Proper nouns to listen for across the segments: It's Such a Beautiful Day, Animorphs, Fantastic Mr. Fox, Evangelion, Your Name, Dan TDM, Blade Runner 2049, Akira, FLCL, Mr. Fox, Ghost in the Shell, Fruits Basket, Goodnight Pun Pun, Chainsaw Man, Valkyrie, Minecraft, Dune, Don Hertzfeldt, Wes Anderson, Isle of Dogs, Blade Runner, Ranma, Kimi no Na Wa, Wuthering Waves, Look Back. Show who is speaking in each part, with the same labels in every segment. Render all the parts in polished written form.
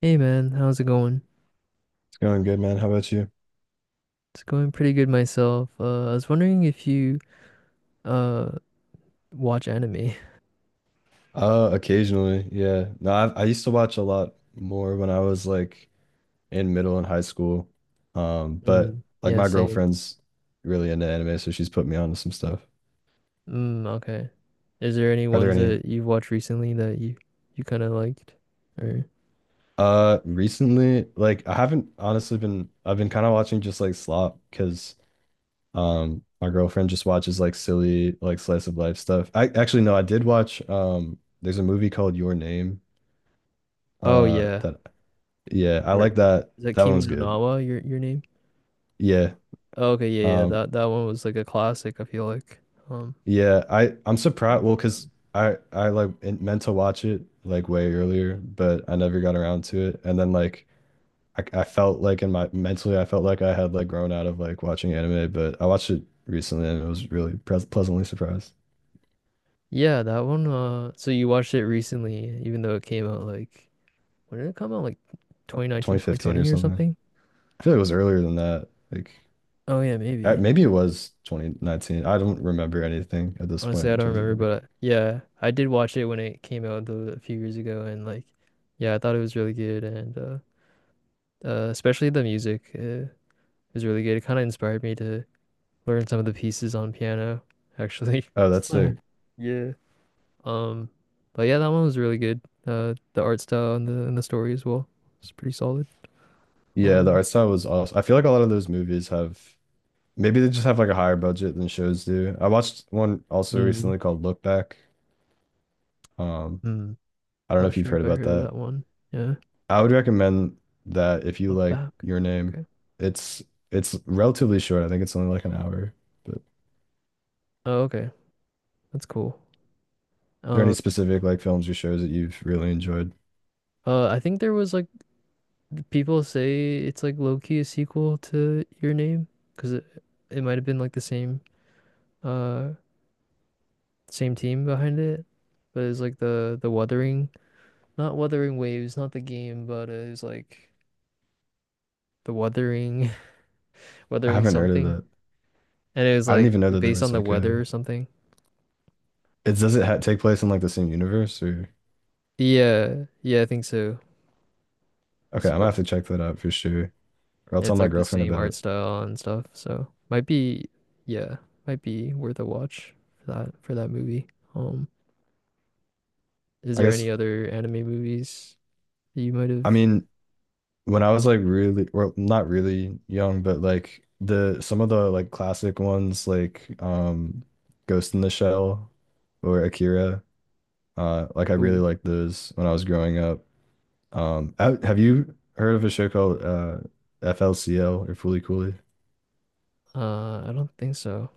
Speaker 1: Hey man, how's it going?
Speaker 2: It's going good, man. How about you?
Speaker 1: It's going pretty good myself. I was wondering if you uh watch anime.
Speaker 2: Occasionally, yeah. No, I used to watch a lot more when I was like in middle and high school. But
Speaker 1: Mm,
Speaker 2: like
Speaker 1: yeah,
Speaker 2: my
Speaker 1: same.
Speaker 2: girlfriend's really into anime, so she's put me onto some stuff.
Speaker 1: Mm, okay. Is there any
Speaker 2: Are there
Speaker 1: ones
Speaker 2: any
Speaker 1: that you've watched recently that you kind of liked? Or
Speaker 2: recently like I haven't honestly been I've been kind of watching just like slop because my girlfriend just watches like silly like slice of life stuff. I actually no, I did watch there's a movie called Your Name
Speaker 1: oh yeah,
Speaker 2: that yeah, I
Speaker 1: or
Speaker 2: like that.
Speaker 1: is that
Speaker 2: That
Speaker 1: Kimi
Speaker 2: one's
Speaker 1: no
Speaker 2: good.
Speaker 1: Na Wa your name?
Speaker 2: Yeah.
Speaker 1: Oh, okay, yeah, yeah.
Speaker 2: Um,
Speaker 1: That one was like a classic. I feel like um
Speaker 2: yeah, I'm
Speaker 1: when
Speaker 2: surprised.
Speaker 1: it
Speaker 2: Well,
Speaker 1: came out.
Speaker 2: because I like meant to watch it like way earlier, but I never got around to it. And then like I felt like in my mentally, I felt like I had like grown out of like watching anime, but I watched it recently and it was really pres pleasantly surprised.
Speaker 1: Yeah, that one. So you watched it recently, even though it came out like, when did it come out? Like 2019,
Speaker 2: 2015 or
Speaker 1: 2020 or
Speaker 2: something.
Speaker 1: something?
Speaker 2: I feel like it was earlier than that. Like
Speaker 1: Oh yeah,
Speaker 2: I,
Speaker 1: maybe.
Speaker 2: maybe it was 2019. I don't remember anything at this
Speaker 1: Honestly,
Speaker 2: point
Speaker 1: I
Speaker 2: in
Speaker 1: don't
Speaker 2: terms of
Speaker 1: remember,
Speaker 2: like,
Speaker 1: but yeah, I did watch it when it came out a few years ago, and like, yeah, I thought it was really good, and especially the music, is really good. It kind of inspired me to learn some of the pieces on piano, actually.
Speaker 2: oh, that's
Speaker 1: Mm.
Speaker 2: the
Speaker 1: Yeah. Um, but yeah, that one was really good. The art style and the story as well. It's pretty solid.
Speaker 2: yeah, the
Speaker 1: Um,
Speaker 2: art style was awesome. I feel like a lot of those movies have. Maybe they just have like a higher budget than shows do. I watched one also
Speaker 1: mm,
Speaker 2: recently called Look Back. Um,
Speaker 1: mm,
Speaker 2: I don't know
Speaker 1: Not
Speaker 2: if you've
Speaker 1: sure
Speaker 2: heard
Speaker 1: if I
Speaker 2: about
Speaker 1: heard of
Speaker 2: that.
Speaker 1: that one. Yeah,
Speaker 2: I would recommend that if you
Speaker 1: look
Speaker 2: like
Speaker 1: back.
Speaker 2: Your Name.
Speaker 1: Okay.
Speaker 2: It's it's relatively short. I think it's only like an hour. But are
Speaker 1: Oh, okay, that's cool.
Speaker 2: there any
Speaker 1: Um,
Speaker 2: specific like films or shows that you've really enjoyed?
Speaker 1: I think there was like. People say it's like low key a sequel to Your Name because it might have been like the same uh same team behind it, but it's like the Wuthering, not Wuthering Waves, not the game, but it was like the Wuthering
Speaker 2: I
Speaker 1: Wuthering
Speaker 2: haven't heard of
Speaker 1: something,
Speaker 2: that.
Speaker 1: and it was
Speaker 2: I didn't
Speaker 1: like
Speaker 2: even know that there
Speaker 1: based on
Speaker 2: was
Speaker 1: the
Speaker 2: like
Speaker 1: weather
Speaker 2: a.
Speaker 1: or something.
Speaker 2: It does it ha take place in like the same universe or?
Speaker 1: Yeah, yeah, I think so.
Speaker 2: Okay,
Speaker 1: So.
Speaker 2: I'm gonna have
Speaker 1: Oh.
Speaker 2: to check that out for sure. Or I'll tell
Speaker 1: It's
Speaker 2: my
Speaker 1: like the
Speaker 2: girlfriend
Speaker 1: same
Speaker 2: about
Speaker 1: art
Speaker 2: it.
Speaker 1: style and stuff. So might be, yeah, might be worth a watch for that movie. Um. Is
Speaker 2: I
Speaker 1: there
Speaker 2: guess
Speaker 1: any other anime movies that you might have?
Speaker 2: I mean, when I was like really, well, not really young, but like the some of the like classic ones like Ghost in the Shell or Akira, like I really
Speaker 1: Ooh,
Speaker 2: liked those when I was growing up. Have you heard of a show called FLCL or Foolie Coolie?
Speaker 1: I don't think so.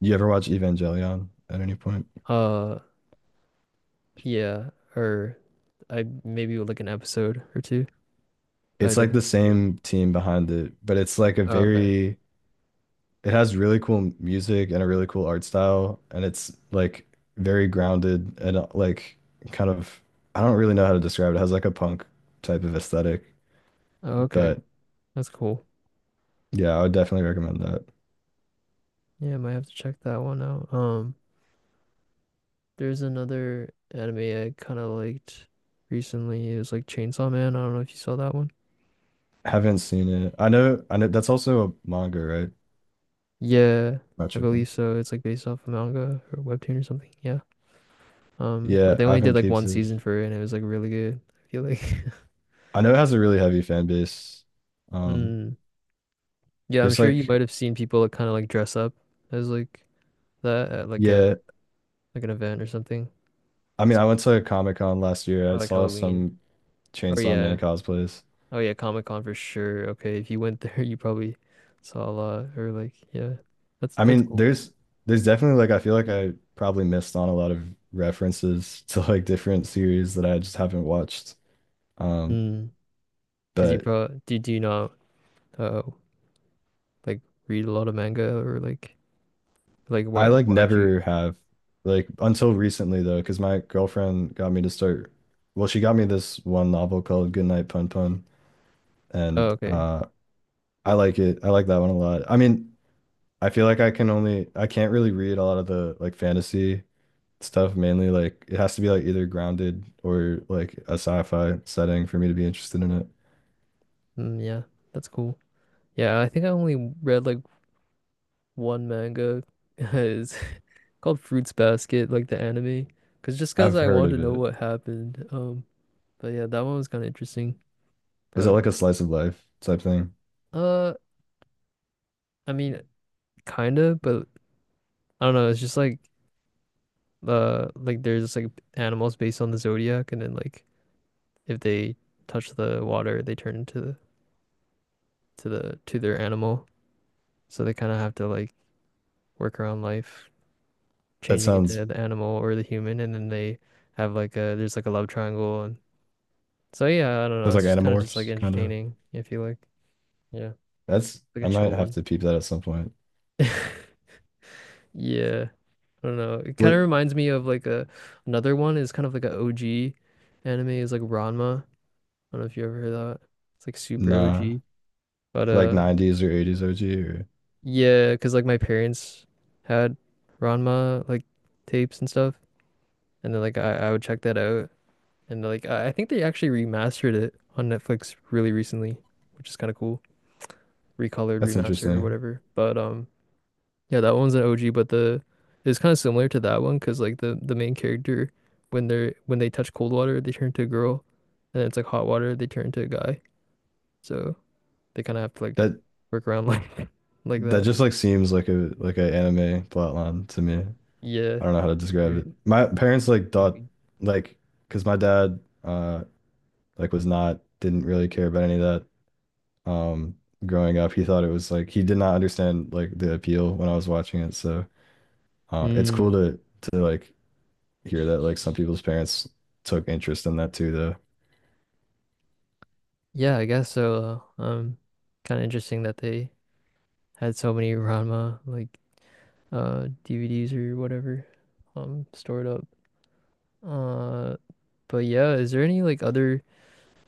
Speaker 2: You ever watch Evangelion at any point?
Speaker 1: Uh, yeah, or I maybe like an episode or two. I
Speaker 2: It's like
Speaker 1: definitely
Speaker 2: the
Speaker 1: heard it.
Speaker 2: same team behind it, but it's like a
Speaker 1: Oh, okay.
Speaker 2: very it has really cool music and a really cool art style, and it's like very grounded and like kind of I don't really know how to describe it. It has like a punk type of aesthetic,
Speaker 1: Oh, okay.
Speaker 2: but
Speaker 1: That's cool.
Speaker 2: yeah, I would definitely recommend that.
Speaker 1: Yeah, I might have to check that one out. There's another anime I kind of liked recently. It was like Chainsaw Man. I don't know if you saw that one.
Speaker 2: Haven't seen it. I know that's also a manga, right?
Speaker 1: Yeah,
Speaker 2: Not
Speaker 1: I believe
Speaker 2: tripping.
Speaker 1: so. It's like based off a manga or webtoon or something. Yeah. But
Speaker 2: Yeah,
Speaker 1: they
Speaker 2: I
Speaker 1: only did
Speaker 2: haven't
Speaker 1: like
Speaker 2: peeped
Speaker 1: one
Speaker 2: it.
Speaker 1: season for it, and it was like really good. I feel like.
Speaker 2: I know it has a really heavy fan base. Um,
Speaker 1: Mm. Yeah, I'm
Speaker 2: there's
Speaker 1: sure you
Speaker 2: like,
Speaker 1: might have seen people like kind of like dress up as like that at like a
Speaker 2: yeah,
Speaker 1: like an event or something.
Speaker 2: I
Speaker 1: It's
Speaker 2: mean, I
Speaker 1: kinda
Speaker 2: went
Speaker 1: like-
Speaker 2: to a Comic Con last year.
Speaker 1: Or
Speaker 2: I
Speaker 1: like
Speaker 2: saw
Speaker 1: Halloween.
Speaker 2: some
Speaker 1: Or
Speaker 2: Chainsaw Man
Speaker 1: yeah.
Speaker 2: cosplays.
Speaker 1: Oh yeah, Comic-Con for sure. Okay, if you went there, you probably saw a lot or like, yeah. That's
Speaker 2: I
Speaker 1: that's
Speaker 2: mean,
Speaker 1: cool.
Speaker 2: there's definitely like I feel like I probably missed on a lot of references to like different series that I just haven't watched. Um,
Speaker 1: Mm. 'Cause you
Speaker 2: but
Speaker 1: probably do, do you not uh like read a lot of manga or like why
Speaker 2: I like
Speaker 1: why'd you.
Speaker 2: never have like until recently though, because my girlfriend got me to start. Well, she got me this one novel called Goodnight Pun Pun,
Speaker 1: Oh,
Speaker 2: and
Speaker 1: okay.
Speaker 2: I like it. I like that one a lot. I mean, I feel like I can only I can't really read a lot of the like fantasy stuff mainly. Like it has to be like either grounded or like a sci-fi setting for me to be interested in it.
Speaker 1: Mm, yeah. That's cool. Yeah, I think I only read like one manga called Fruits Basket, like the anime, because just because
Speaker 2: I've
Speaker 1: I
Speaker 2: heard
Speaker 1: wanted
Speaker 2: of
Speaker 1: to know
Speaker 2: it.
Speaker 1: what happened. But yeah, that one was kind of interesting.
Speaker 2: Is it
Speaker 1: But
Speaker 2: like a slice of life type thing?
Speaker 1: uh, I mean, kind of, but I don't know. It's just like there's like animals based on the zodiac, and then like if they touch the water, they turn into the to their animal. So they kind of have to like work around life,
Speaker 2: That
Speaker 1: changing
Speaker 2: sounds
Speaker 1: into the animal or the human, and then they have like a there's like a love triangle, and so yeah, I don't know.
Speaker 2: that's
Speaker 1: It's
Speaker 2: like
Speaker 1: just kind of just like
Speaker 2: Animorphs kind of.
Speaker 1: entertaining if you like. Yeah.
Speaker 2: That's
Speaker 1: Like
Speaker 2: I
Speaker 1: a
Speaker 2: might
Speaker 1: chill
Speaker 2: have
Speaker 1: one.
Speaker 2: to peep that at some point.
Speaker 1: Yeah, I don't know. It kind
Speaker 2: What?
Speaker 1: of reminds me of like a another one is kind of like a OG anime is like Ranma. I don't know if you ever heard that. It's like super
Speaker 2: Nah,
Speaker 1: OG. But
Speaker 2: like 90s or 80s OG or
Speaker 1: yeah, 'cause like my parents had Ranma like tapes and stuff, and then like I would check that out, and like I think they actually remastered it on Netflix really recently, which is kind of cool. Recolored,
Speaker 2: that's
Speaker 1: remastered or
Speaker 2: interesting.
Speaker 1: whatever. But Yeah, that one's an OG, but the it's kind of similar to that one because like the main character when they touch cold water they turn into a girl, and it's like hot water they turn into a guy. So they kind of have to like
Speaker 2: That
Speaker 1: work around like like
Speaker 2: that
Speaker 1: that.
Speaker 2: just like seems like a like an anime plotline to me.
Speaker 1: Yeah,
Speaker 2: I don't know how to describe
Speaker 1: super
Speaker 2: it. My parents like thought
Speaker 1: goofy.
Speaker 2: like because my dad like was not didn't really care about any of that um growing up. He thought it was like he did not understand like the appeal when I was watching it. So it's
Speaker 1: Mm,
Speaker 2: cool to like hear that like some people's parents took interest in that too though.
Speaker 1: yeah, I guess so. Kind of interesting that they had so many Ranma like DVDs or whatever stored up. Uh, but yeah, is there any like other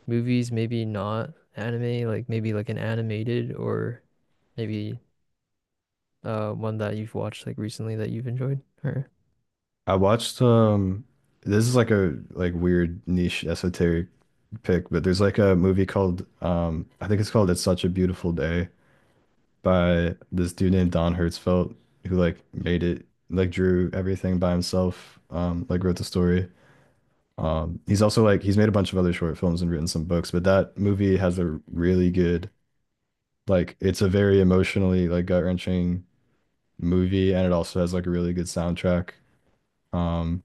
Speaker 1: movies, maybe not anime, like maybe like an animated or maybe one that you've watched like recently that you've enjoyed or
Speaker 2: I watched this is like a like weird niche esoteric pick, but there's like a movie called I think it's called It's Such a Beautiful Day by this dude named Don Hertzfeldt who like made it like drew everything by himself, like wrote the story. He's also like he's made a bunch of other short films and written some books, but that movie has a really good like it's a very emotionally like gut-wrenching movie and it also has like a really good soundtrack. Um,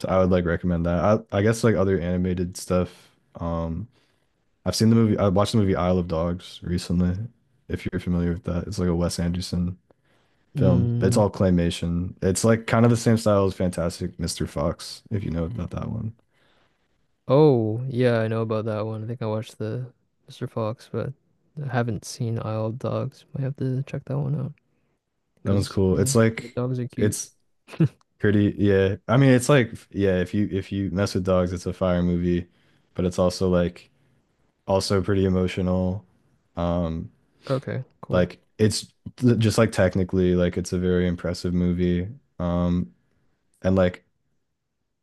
Speaker 2: so I would like recommend that. I guess like other animated stuff. Um, I've seen the movie I watched the movie Isle of Dogs recently, if you're familiar with that. It's like a Wes Anderson film. It's
Speaker 1: mm,
Speaker 2: all claymation. It's like kind of the same style as Fantastic Mr. Fox, if you know about that one.
Speaker 1: oh yeah, I know about that one. I think I watched the Mr. Fox, but I haven't seen Isle of Dogs. Might have to check that one out
Speaker 2: That one's
Speaker 1: because
Speaker 2: cool.
Speaker 1: hey,
Speaker 2: It's
Speaker 1: yeah,
Speaker 2: like
Speaker 1: dogs are cute.
Speaker 2: it's pretty, yeah. I mean, it's like, yeah, if you mess with dogs, it's a fire movie, but it's also like also pretty emotional. Um,
Speaker 1: Okay, cool.
Speaker 2: like it's just like technically, like it's a very impressive movie. Um, and like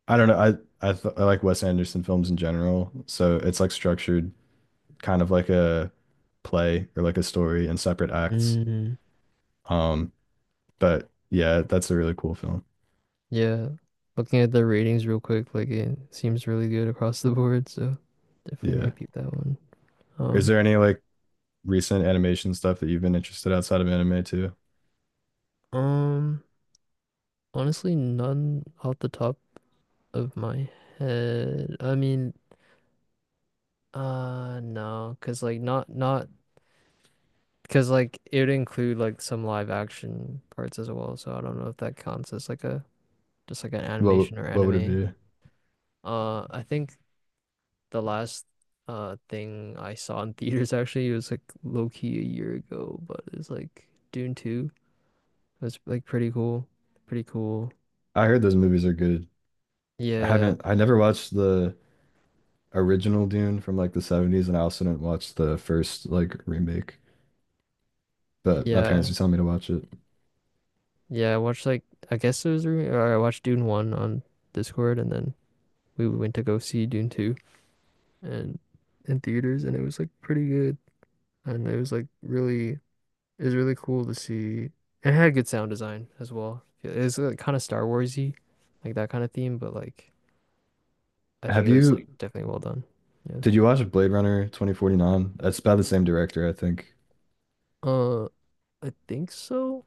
Speaker 2: I don't know, I like Wes Anderson films in general, so it's like structured kind of like a play or like a story in separate acts.
Speaker 1: Mm,
Speaker 2: Um, but yeah, that's a really cool film.
Speaker 1: yeah. Looking at the ratings real quick, like it seems really good across the board, so definitely
Speaker 2: Yeah.
Speaker 1: might peep that one.
Speaker 2: Is
Speaker 1: Um,
Speaker 2: there any like recent animation stuff that you've been interested outside of anime too?
Speaker 1: um, Honestly, none off the top of my head. I mean, no, cause like not cause like it would include like some live action parts as well, so I don't know if that counts as like a just like an
Speaker 2: What
Speaker 1: animation or
Speaker 2: what would it
Speaker 1: anime.
Speaker 2: be?
Speaker 1: I think the last thing I saw in theaters actually was like low key a year ago, but it's like Dune 2. It was like pretty cool. Pretty cool.
Speaker 2: I heard those movies are good.
Speaker 1: Yeah.
Speaker 2: I never watched the original Dune from like the 70s and I also didn't watch the first like remake, but my parents
Speaker 1: Yeah.
Speaker 2: were telling me to watch it.
Speaker 1: Yeah, I watched like, I guess it was re- or I watched Dune 1 on Discord, and then we went to go see Dune 2 and in theaters, and it was like pretty good, and it was like really it was really cool to see, and it had good sound design as well. It was like kind of Star Warsy, like that kind of theme, but like I think
Speaker 2: Have
Speaker 1: it was like
Speaker 2: you
Speaker 1: definitely well done. Yeah.
Speaker 2: did you watch Blade Runner 2049? That's by the same director, I think.
Speaker 1: Uh I think so.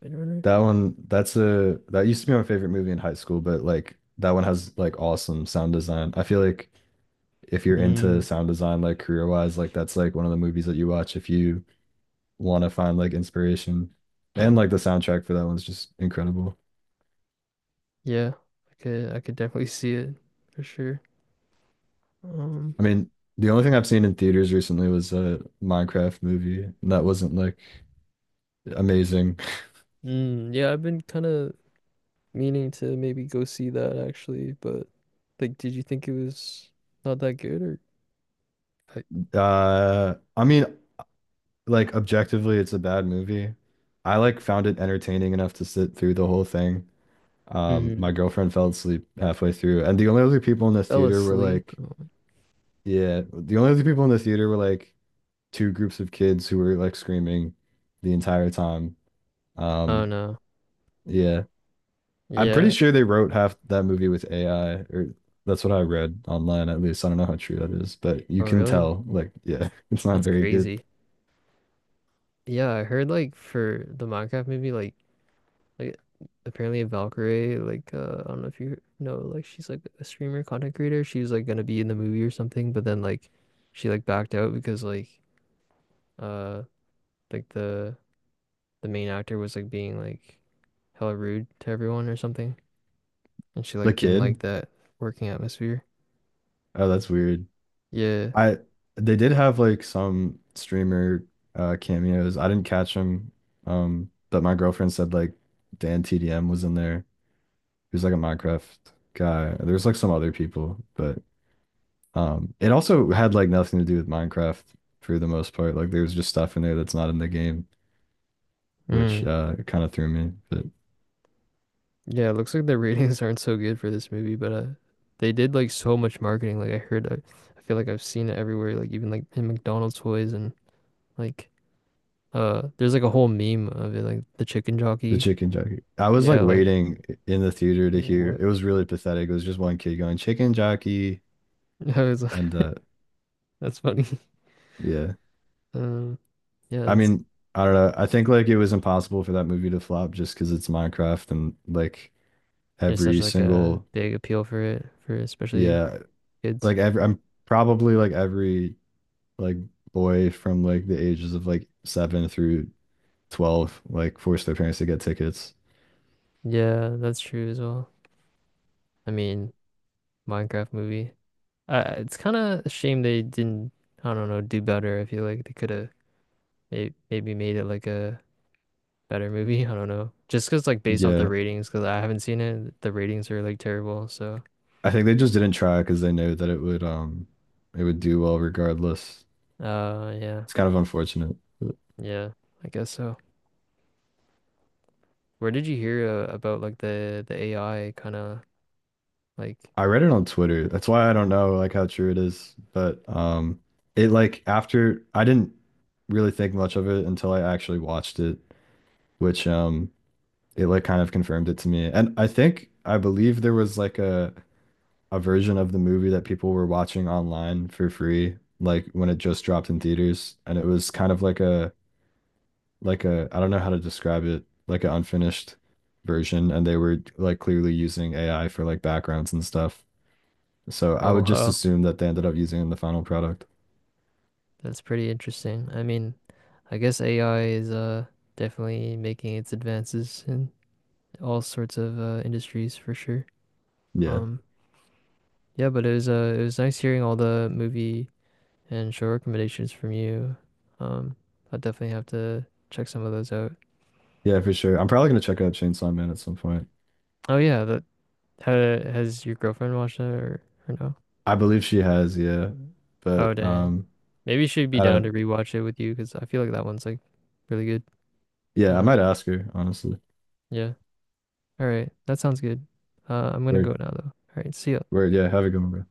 Speaker 1: Blade Runner.
Speaker 2: That one that's a that used to be my favorite movie in high school, but like that one has like awesome sound design. I feel like if you're into
Speaker 1: Mm,
Speaker 2: sound design like career wise like that's like one of the movies that you watch if you want to find like inspiration. And like the soundtrack for that one's just incredible.
Speaker 1: yeah. I could definitely see it for sure. Um
Speaker 2: I mean, the only thing I've seen in theaters recently was a Minecraft movie, and that wasn't like amazing.
Speaker 1: Mm, yeah, I've been kind of meaning to maybe go see that actually, but like, did you think it was not that good or I
Speaker 2: I mean, like objectively, it's a bad movie. I like found it entertaining enough to sit through the whole thing.
Speaker 1: hmm
Speaker 2: My girlfriend fell asleep halfway through, and the only other people in the
Speaker 1: Fell
Speaker 2: theater were
Speaker 1: asleep.
Speaker 2: like,
Speaker 1: Oh,
Speaker 2: yeah, the only other people in the theater were like two groups of kids who were like screaming the entire time.
Speaker 1: oh,
Speaker 2: Um,
Speaker 1: no.
Speaker 2: yeah, I'm pretty
Speaker 1: Yeah.
Speaker 2: sure they wrote half that movie with AI, or that's what I read online at least. I don't know how true that is, but you
Speaker 1: Oh
Speaker 2: can
Speaker 1: really?
Speaker 2: tell, like, yeah, it's not
Speaker 1: That's
Speaker 2: very good.
Speaker 1: crazy. Yeah, I heard like for the Minecraft movie, like apparently Valkyrie, like I don't know if you know, like she's like a streamer, content creator. She was like gonna be in the movie or something, but then like she like backed out because uh like the main actor was like being like hella rude to everyone or something. And she
Speaker 2: The
Speaker 1: like didn't
Speaker 2: kid?
Speaker 1: like that working atmosphere.
Speaker 2: Oh, that's weird.
Speaker 1: Yeah.
Speaker 2: I they did have like some streamer cameos. I didn't catch them. But my girlfriend said like Dan TDM was in there. He was like a Minecraft guy. There's like some other people, but it also had like nothing to do with Minecraft for the most part. Like there was just stuff in there that's not in the game, which
Speaker 1: Mm.
Speaker 2: kind of threw me. But
Speaker 1: Yeah, it looks like the ratings aren't so good for this movie, but they did like so much marketing. Like I heard, I feel like I've seen it everywhere, like even like in McDonald's toys and like there's like a whole meme of it, like the chicken
Speaker 2: the
Speaker 1: jockey.
Speaker 2: chicken jockey, I was like
Speaker 1: Yeah, like
Speaker 2: waiting in the theater to hear.
Speaker 1: what?
Speaker 2: It was really pathetic. It was just one kid going chicken jockey,
Speaker 1: I was like,
Speaker 2: and
Speaker 1: that's funny.
Speaker 2: yeah.
Speaker 1: Um yeah,
Speaker 2: I
Speaker 1: that's
Speaker 2: mean, I don't know. I think like it was impossible for that movie to flop just because it's Minecraft and like
Speaker 1: there's such
Speaker 2: every
Speaker 1: like a
Speaker 2: single
Speaker 1: big appeal for it for especially
Speaker 2: yeah,
Speaker 1: kids.
Speaker 2: like every
Speaker 1: Yeah,
Speaker 2: I'm probably like every like boy from like the ages of like seven through 12 like forced their parents to get tickets.
Speaker 1: yeah, that's true as well. I mean, Minecraft movie. It's kind of a shame they didn't, I don't know, do better. I feel like they could have maybe made it like a better movie. I don't know. Just 'cause like based off the
Speaker 2: Yeah.
Speaker 1: ratings, 'cause I haven't seen it, the ratings are like terrible. So,
Speaker 2: I think they just didn't try because they knew that it would do well regardless.
Speaker 1: yeah,
Speaker 2: It's kind of unfortunate.
Speaker 1: yeah, I guess so. Where did you hear about like the AI kind of, like?
Speaker 2: I read it on Twitter. That's why I don't know like how true it is, but it like after I didn't really think much of it until I actually watched it, which it like kind of confirmed it to me. And I think I believe there was like a version of the movie that people were watching online for free like when it just dropped in theaters and it was kind of like a I don't know how to describe it, like an unfinished version, and they were like clearly using AI for like backgrounds and stuff. So I would
Speaker 1: Oh,
Speaker 2: just
Speaker 1: wow,
Speaker 2: assume that they ended up using it in the final product.
Speaker 1: that's pretty interesting. I mean, I guess AI is definitely making its advances in all sorts of industries for sure.
Speaker 2: Yeah.
Speaker 1: Um. Yeah, but it was nice hearing all the movie and show recommendations from you. Um, I definitely have to check some of those out.
Speaker 2: Yeah, for sure. I'm probably gonna check out Chainsaw Man at some point.
Speaker 1: Oh yeah, that ha has your girlfriend watched that, or no?
Speaker 2: I believe she has, yeah.
Speaker 1: Oh
Speaker 2: But
Speaker 1: dang. Maybe she'd be
Speaker 2: I
Speaker 1: down
Speaker 2: don't
Speaker 1: to
Speaker 2: know.
Speaker 1: rewatch it with you because I feel like that one's like really good. I
Speaker 2: Yeah, I
Speaker 1: don't know.
Speaker 2: might ask her, honestly.
Speaker 1: Yeah. All right. That sounds good. I'm gonna go
Speaker 2: Word,
Speaker 1: now though. All right. See ya.
Speaker 2: word, yeah, have a good one, bro.